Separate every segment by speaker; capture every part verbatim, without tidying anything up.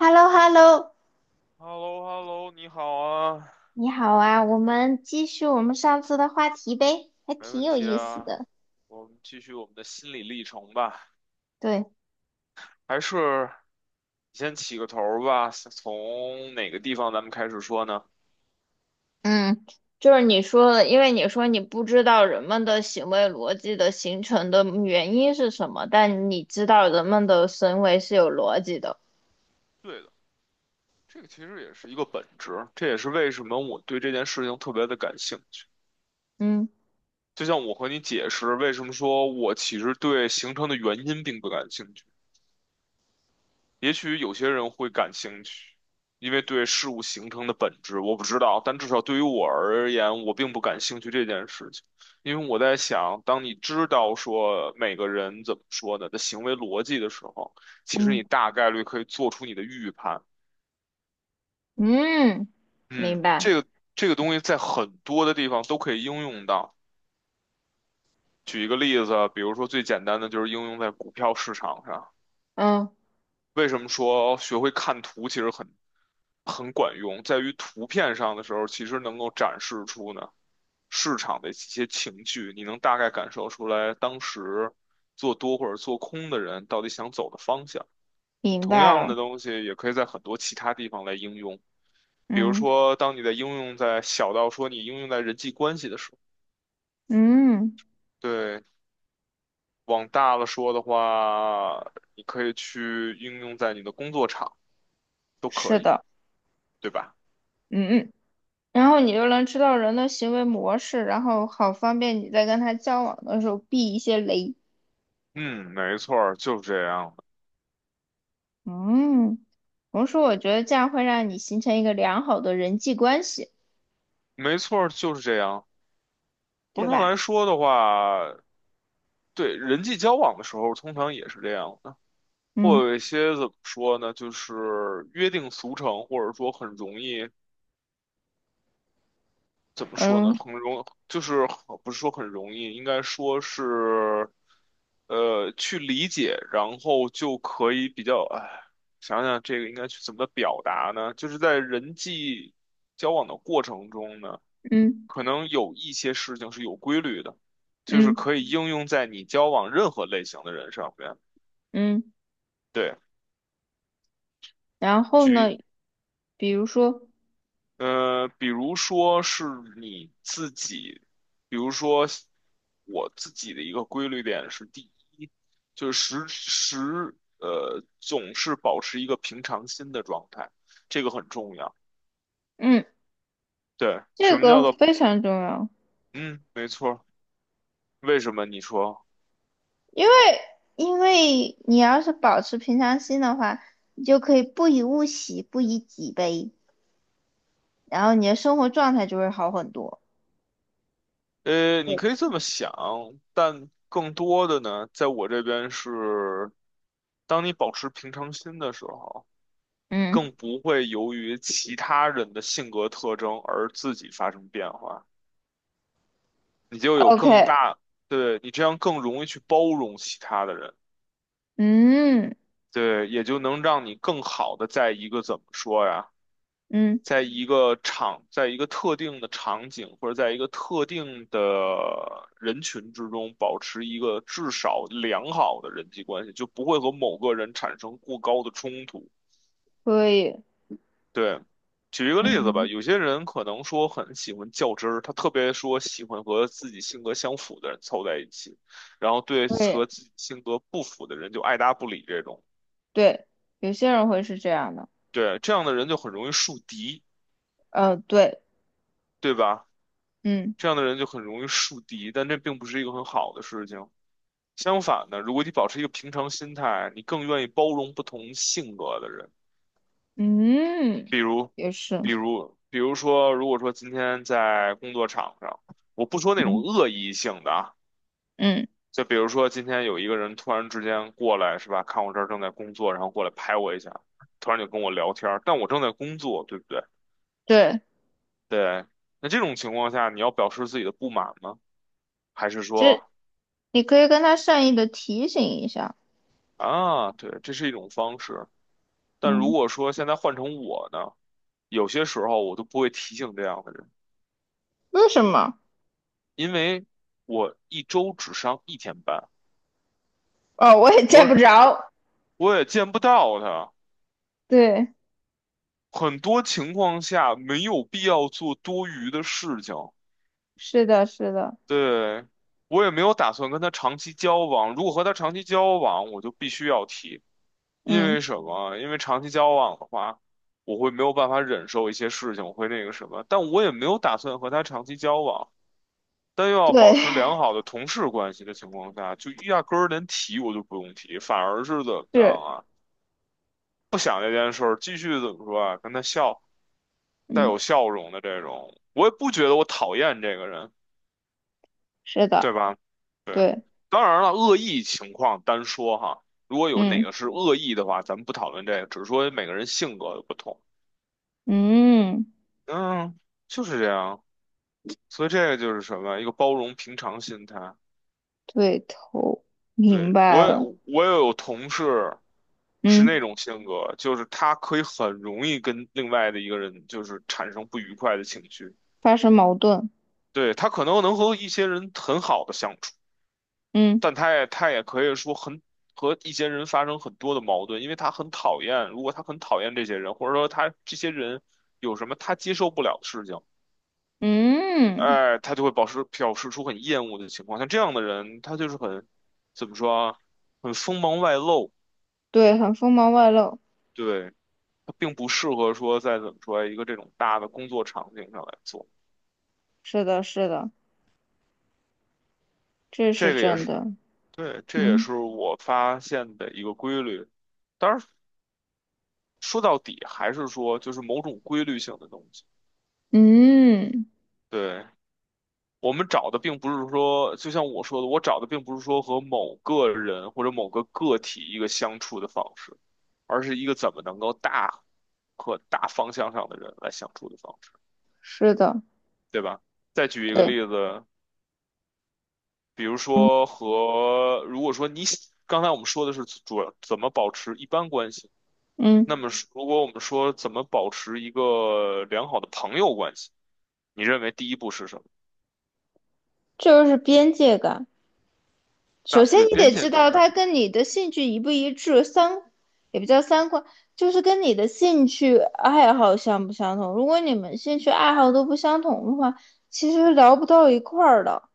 Speaker 1: h e l l o h e l l o
Speaker 2: h e l l o h e l l o 你好啊，
Speaker 1: 你好啊，我们继续我们上次的话题呗，还
Speaker 2: 没
Speaker 1: 挺
Speaker 2: 问
Speaker 1: 有
Speaker 2: 题
Speaker 1: 意思
Speaker 2: 啊，
Speaker 1: 的。
Speaker 2: 我们继续我们的心理历程吧。
Speaker 1: 对，
Speaker 2: 还是你先起个头儿吧，从哪个地方咱们开始说呢？
Speaker 1: 嗯，就是你说的，因为你说你不知道人们的行为逻辑的形成的原因是什么，但你知道人们的行为是有逻辑的。
Speaker 2: 对的，这个其实也是一个本质，这也是为什么我对这件事情特别的感兴趣。
Speaker 1: 嗯
Speaker 2: 就像我和你解释为什么说我其实对形成的原因并不感兴趣。也许有些人会感兴趣，因为对事物形成的本质我不知道，但至少对于我而言，我并不感兴趣这件事情。因为我在想，当你知道说每个人怎么说的的行为逻辑的时候，其实
Speaker 1: 嗯
Speaker 2: 你大概率可以做出你的预判。
Speaker 1: 嗯，明
Speaker 2: 嗯，
Speaker 1: 白。
Speaker 2: 这个这个东西在很多的地方都可以应用到。举一个例子，比如说最简单的就是应用在股票市场上。
Speaker 1: 嗯，
Speaker 2: 为什么说学会看图其实很很管用，在于图片上的时候，其实能够展示出呢市场的一些情绪，你能大概感受出来当时做多或者做空的人到底想走的方向。
Speaker 1: 明
Speaker 2: 同
Speaker 1: 白
Speaker 2: 样
Speaker 1: 了。
Speaker 2: 的东西也可以在很多其他地方来应用，比如
Speaker 1: 嗯
Speaker 2: 说，当你在应用在小到说你应用在人际关系的时候，
Speaker 1: 嗯，
Speaker 2: 对，往大了说的话，你可以去应用在你的工作场，都可
Speaker 1: 是
Speaker 2: 以，
Speaker 1: 的。
Speaker 2: 对吧？
Speaker 1: 嗯嗯，然后你就能知道人的行为模式，然后好方便你在跟他交往的时候避一些雷。
Speaker 2: 嗯，没错儿，就是这样的，
Speaker 1: 嗯，同时我觉得这样会让你形成一个良好的人际关系，
Speaker 2: 没错儿，就是这样。通
Speaker 1: 对
Speaker 2: 常
Speaker 1: 吧？
Speaker 2: 来说的话，对人际交往的时候，通常也是这样的，会
Speaker 1: 嗯
Speaker 2: 有一些怎么说呢，就是约定俗成，或者说很容易，怎么说
Speaker 1: 嗯
Speaker 2: 呢，很容，就是很不是说很容易，应该说是，呃，去理解，然后就可以比较，哎，想想这个应该去怎么表达呢？就是在人际交往的过程中呢。
Speaker 1: 嗯
Speaker 2: 可能有一些事情是有规律的，就是
Speaker 1: 嗯
Speaker 2: 可以应用在你交往任何类型的人上面。
Speaker 1: 嗯，
Speaker 2: 对，
Speaker 1: 然后呢，
Speaker 2: 举，
Speaker 1: 比如说，
Speaker 2: 呃，比如说是你自己，比如说我自己的一个规律点是，第一，就是时时，呃，总是保持一个平常心的状态，这个很重要。
Speaker 1: 嗯，
Speaker 2: 对，
Speaker 1: 这
Speaker 2: 什么叫
Speaker 1: 个
Speaker 2: 做，
Speaker 1: 非常重要，
Speaker 2: 嗯，没错儿为什么你说？
Speaker 1: 因为因为你要是保持平常心的话，你就可以不以物喜，不以己悲，然后你的生活状态就会好很多。
Speaker 2: 呃，你可以这么想，但更多的呢，在我这边是，当你保持平常心的时候，你
Speaker 1: 嗯
Speaker 2: 更不会由于其他人的性格特征而自己发生变化，你就有更
Speaker 1: ，OK，
Speaker 2: 大，对，你这样更容易去包容其他的人，
Speaker 1: 嗯
Speaker 2: 对，也就能让你更好的在一个怎么说呀？
Speaker 1: 嗯，
Speaker 2: 在一个场，在一个特定的场景或者在一个特定的人群之中，保持一个至少良好的人际关系，就不会和某个人产生过高的冲突。
Speaker 1: 可以，
Speaker 2: 对，举一个例子吧，
Speaker 1: 嗯，
Speaker 2: 有些人可能说很喜欢较真儿，他特别说喜欢和自己性格相符的人凑在一起，然后对
Speaker 1: 可以，
Speaker 2: 和自己性格不符的人就爱搭不理这种。
Speaker 1: 对，有些人会是这样的。
Speaker 2: 对，这样的人就很容易树敌，
Speaker 1: 呃，对，
Speaker 2: 对吧？
Speaker 1: 嗯
Speaker 2: 这样的人就很容易树敌，但这并不是一个很好的事情。相反的，如果你保持一个平常心态，你更愿意包容不同性格的人。
Speaker 1: 嗯，
Speaker 2: 比如，
Speaker 1: 也是，
Speaker 2: 比如，比如说，如果说今天在工作场上，我不说那种
Speaker 1: 嗯
Speaker 2: 恶意性的啊，
Speaker 1: 嗯，
Speaker 2: 就比如说今天有一个人突然之间过来，是吧？看我这儿正在工作，然后过来拍我一下，突然就跟我聊天儿，但我正在工作，对不对？
Speaker 1: 对，
Speaker 2: 对。那这种情况下，你要表示自己的不满吗？还是
Speaker 1: 这
Speaker 2: 说？
Speaker 1: 你可以跟他善意的提醒一下，
Speaker 2: 啊，对，这是一种方式。但如
Speaker 1: 嗯，
Speaker 2: 果说现在换成我呢，有些时候我都不会提醒这样的人，
Speaker 1: 为什么？
Speaker 2: 因为我一周只上一天班，
Speaker 1: 哦，我也见不
Speaker 2: 我
Speaker 1: 着，
Speaker 2: 我也见不到他。
Speaker 1: 对，
Speaker 2: 很多情况下没有必要做多余的事情，
Speaker 1: 是的，是的，
Speaker 2: 对，我也没有打算跟他长期交往。如果和他长期交往，我就必须要提，因
Speaker 1: 嗯，
Speaker 2: 为什么？因为长期交往的话，我会没有办法忍受一些事情，我会那个什么。但我也没有打算和他长期交往。但又要保
Speaker 1: 对，
Speaker 2: 持良好的同事关系的情况下，就压根儿连提我就不用提，反而是怎么 样
Speaker 1: 是，
Speaker 2: 啊？不想这件事儿，继续怎么说啊？跟他笑，带有
Speaker 1: 嗯，
Speaker 2: 笑容的这种，我也不觉得我讨厌这个人，
Speaker 1: 是的，
Speaker 2: 对吧？对，
Speaker 1: 对，
Speaker 2: 当然了，恶意情况单说哈，如果有哪
Speaker 1: 嗯
Speaker 2: 个是恶意的话，咱们不讨论这个，只是说每个人性格的不同。
Speaker 1: 嗯，
Speaker 2: 嗯，就是这样，所以这个就是什么，一个包容平常心态。
Speaker 1: 对头，明
Speaker 2: 对，
Speaker 1: 白
Speaker 2: 我也
Speaker 1: 了，
Speaker 2: 我也有同事是
Speaker 1: 嗯，
Speaker 2: 那种性格，就是他可以很容易跟另外的一个人就是产生不愉快的情绪。
Speaker 1: 发生矛盾，
Speaker 2: 对，他可能能和一些人很好的相处，
Speaker 1: 嗯
Speaker 2: 但他也他也可以说很和一些人发生很多的矛盾，因为他很讨厌，如果他很讨厌这些人，或者说他这些人有什么他接受不了的事情，
Speaker 1: 嗯，
Speaker 2: 哎，他就会表示表示出很厌恶的情况。像这样的人，他就是很怎么说啊，很锋芒外露。
Speaker 1: 对，很锋芒外露，
Speaker 2: 对。它并不适合说在怎么说一个这种大的工作场景上来做。
Speaker 1: 是的，是的，这是
Speaker 2: 这个也
Speaker 1: 真
Speaker 2: 是，
Speaker 1: 的，
Speaker 2: 对，这也
Speaker 1: 嗯。
Speaker 2: 是我发现的一个规律。当然，说到底还是说就是某种规律性的东西。
Speaker 1: 嗯，
Speaker 2: 对，我们找的并不是说，就像我说的，我找的并不是说和某个人或者某个个体一个相处的方式，而是一个怎么能够大和大方向上的人来相处的方式，
Speaker 1: 是的，
Speaker 2: 对吧？再举一个
Speaker 1: 对，
Speaker 2: 例子，比如
Speaker 1: 嗯
Speaker 2: 说和，如果说你喜刚才我们说的是主要怎么保持一般关系，那
Speaker 1: 嗯，
Speaker 2: 么是如果我们说怎么保持一个良好的朋友关系，你认为第一步是什么？
Speaker 1: 这就是边界感。首
Speaker 2: 啊，
Speaker 1: 先，
Speaker 2: 对，
Speaker 1: 你
Speaker 2: 边
Speaker 1: 得
Speaker 2: 界
Speaker 1: 知
Speaker 2: 感
Speaker 1: 道
Speaker 2: 感，
Speaker 1: 他跟你的兴趣一不一致，三也不叫三观，就是跟你的兴趣爱好相不相同。如果你们兴趣爱好都不相同的话，其实聊不到一块儿的。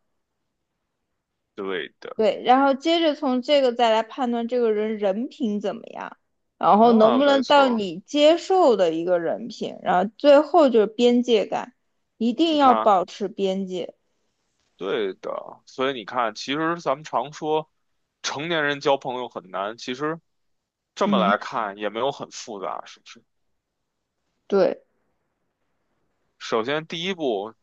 Speaker 2: 对的，
Speaker 1: 对，然后接着从这个再来判断这个人人品怎么样，然后能
Speaker 2: 啊，
Speaker 1: 不
Speaker 2: 没
Speaker 1: 能到
Speaker 2: 错，
Speaker 1: 你接受的一个人品，然后最后就是边界感，一定
Speaker 2: 你
Speaker 1: 要
Speaker 2: 看，
Speaker 1: 保持边界。
Speaker 2: 对的，所以你看，其实咱们常说成年人交朋友很难，其实这么
Speaker 1: 嗯，
Speaker 2: 来看也没有很复杂，是不是？
Speaker 1: 对，
Speaker 2: 首先第一步，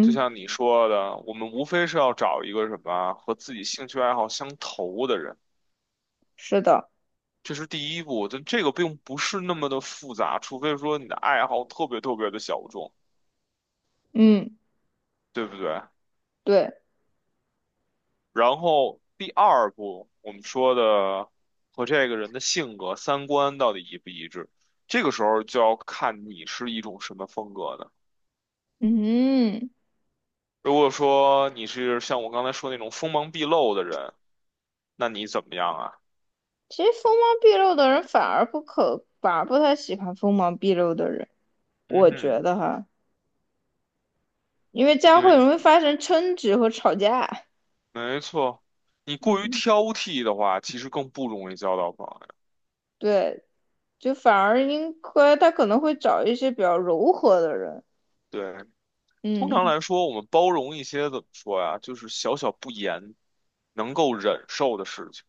Speaker 2: 就像你说的，我们无非是要找一个什么和自己兴趣爱好相投的人，
Speaker 1: 是的，
Speaker 2: 这是第一步。但这个并不是那么的复杂，除非说你的爱好特别特别的小众，
Speaker 1: 嗯，
Speaker 2: 对不对？
Speaker 1: 对，
Speaker 2: 然后第二步，我们说的和这个人的性格、三观到底一不一致，这个时候就要看你是一种什么风格的。
Speaker 1: 嗯，
Speaker 2: 如果说你是像我刚才说那种锋芒毕露的人，那你怎么样啊？
Speaker 1: 其实锋芒毕露的人反而不可，反而不太喜欢锋芒毕露的人，
Speaker 2: 嗯
Speaker 1: 我觉
Speaker 2: 哼。
Speaker 1: 得哈，因为这样
Speaker 2: 因为
Speaker 1: 会容易发生争执和吵架。
Speaker 2: 没错，你过于
Speaker 1: 嗯，
Speaker 2: 挑剔的话，其实更不容易交到朋友。
Speaker 1: 对，就反而应该他可能会找一些比较柔和的人。
Speaker 2: 对，通常
Speaker 1: 嗯，
Speaker 2: 来说，我们包容一些怎么说呀，就是小小不言能够忍受的事情。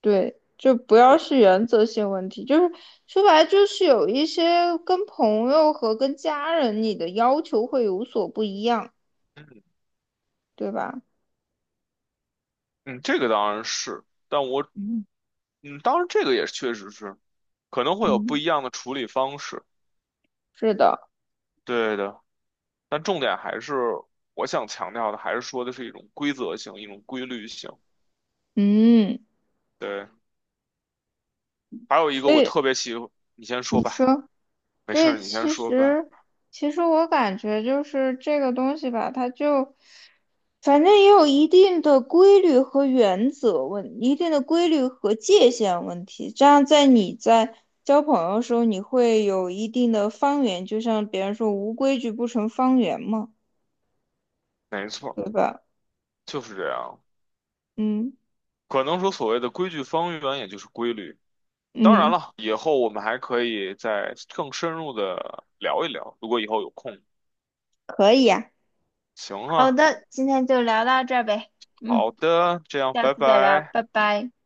Speaker 1: 对，就不要
Speaker 2: 对，
Speaker 1: 是原则性问题，就是说白了就是有一些跟朋友和跟家人你的要求会有所不一样，
Speaker 2: 嗯
Speaker 1: 对吧？
Speaker 2: 嗯，这个当然是，但我
Speaker 1: 嗯
Speaker 2: 嗯，当然这个也确实是可能会有不
Speaker 1: 嗯，
Speaker 2: 一样的处理方式。
Speaker 1: 是的，
Speaker 2: 对的，但重点还是我想强调的，还是说的是一种规则性，一种规律性。
Speaker 1: 嗯，
Speaker 2: 对，还有一个
Speaker 1: 所
Speaker 2: 我
Speaker 1: 以
Speaker 2: 特别喜欢，你先说
Speaker 1: 你
Speaker 2: 吧，
Speaker 1: 说，
Speaker 2: 没
Speaker 1: 所
Speaker 2: 事儿，
Speaker 1: 以
Speaker 2: 你先
Speaker 1: 其
Speaker 2: 说吧，
Speaker 1: 实，其实我感觉就是这个东西吧，它就，反正也有一定的规律和原则问，一定的规律和界限问题。这样在你在交朋友的时候，你会有一定的方圆，就像别人说“无规矩不成方圆”嘛，
Speaker 2: 没
Speaker 1: 对
Speaker 2: 错。
Speaker 1: 吧？
Speaker 2: 就是这样。
Speaker 1: 嗯
Speaker 2: 可能说所谓的规矩方圆，也就是规律。当然
Speaker 1: 嗯，
Speaker 2: 了，以后我们还可以再更深入的聊一聊，如果以后有空。
Speaker 1: 可以呀。
Speaker 2: 行
Speaker 1: 好
Speaker 2: 啊，
Speaker 1: 的，今天就聊到这儿呗。嗯，
Speaker 2: 好的，这样，
Speaker 1: 下
Speaker 2: 拜
Speaker 1: 次再聊，
Speaker 2: 拜。
Speaker 1: 拜拜。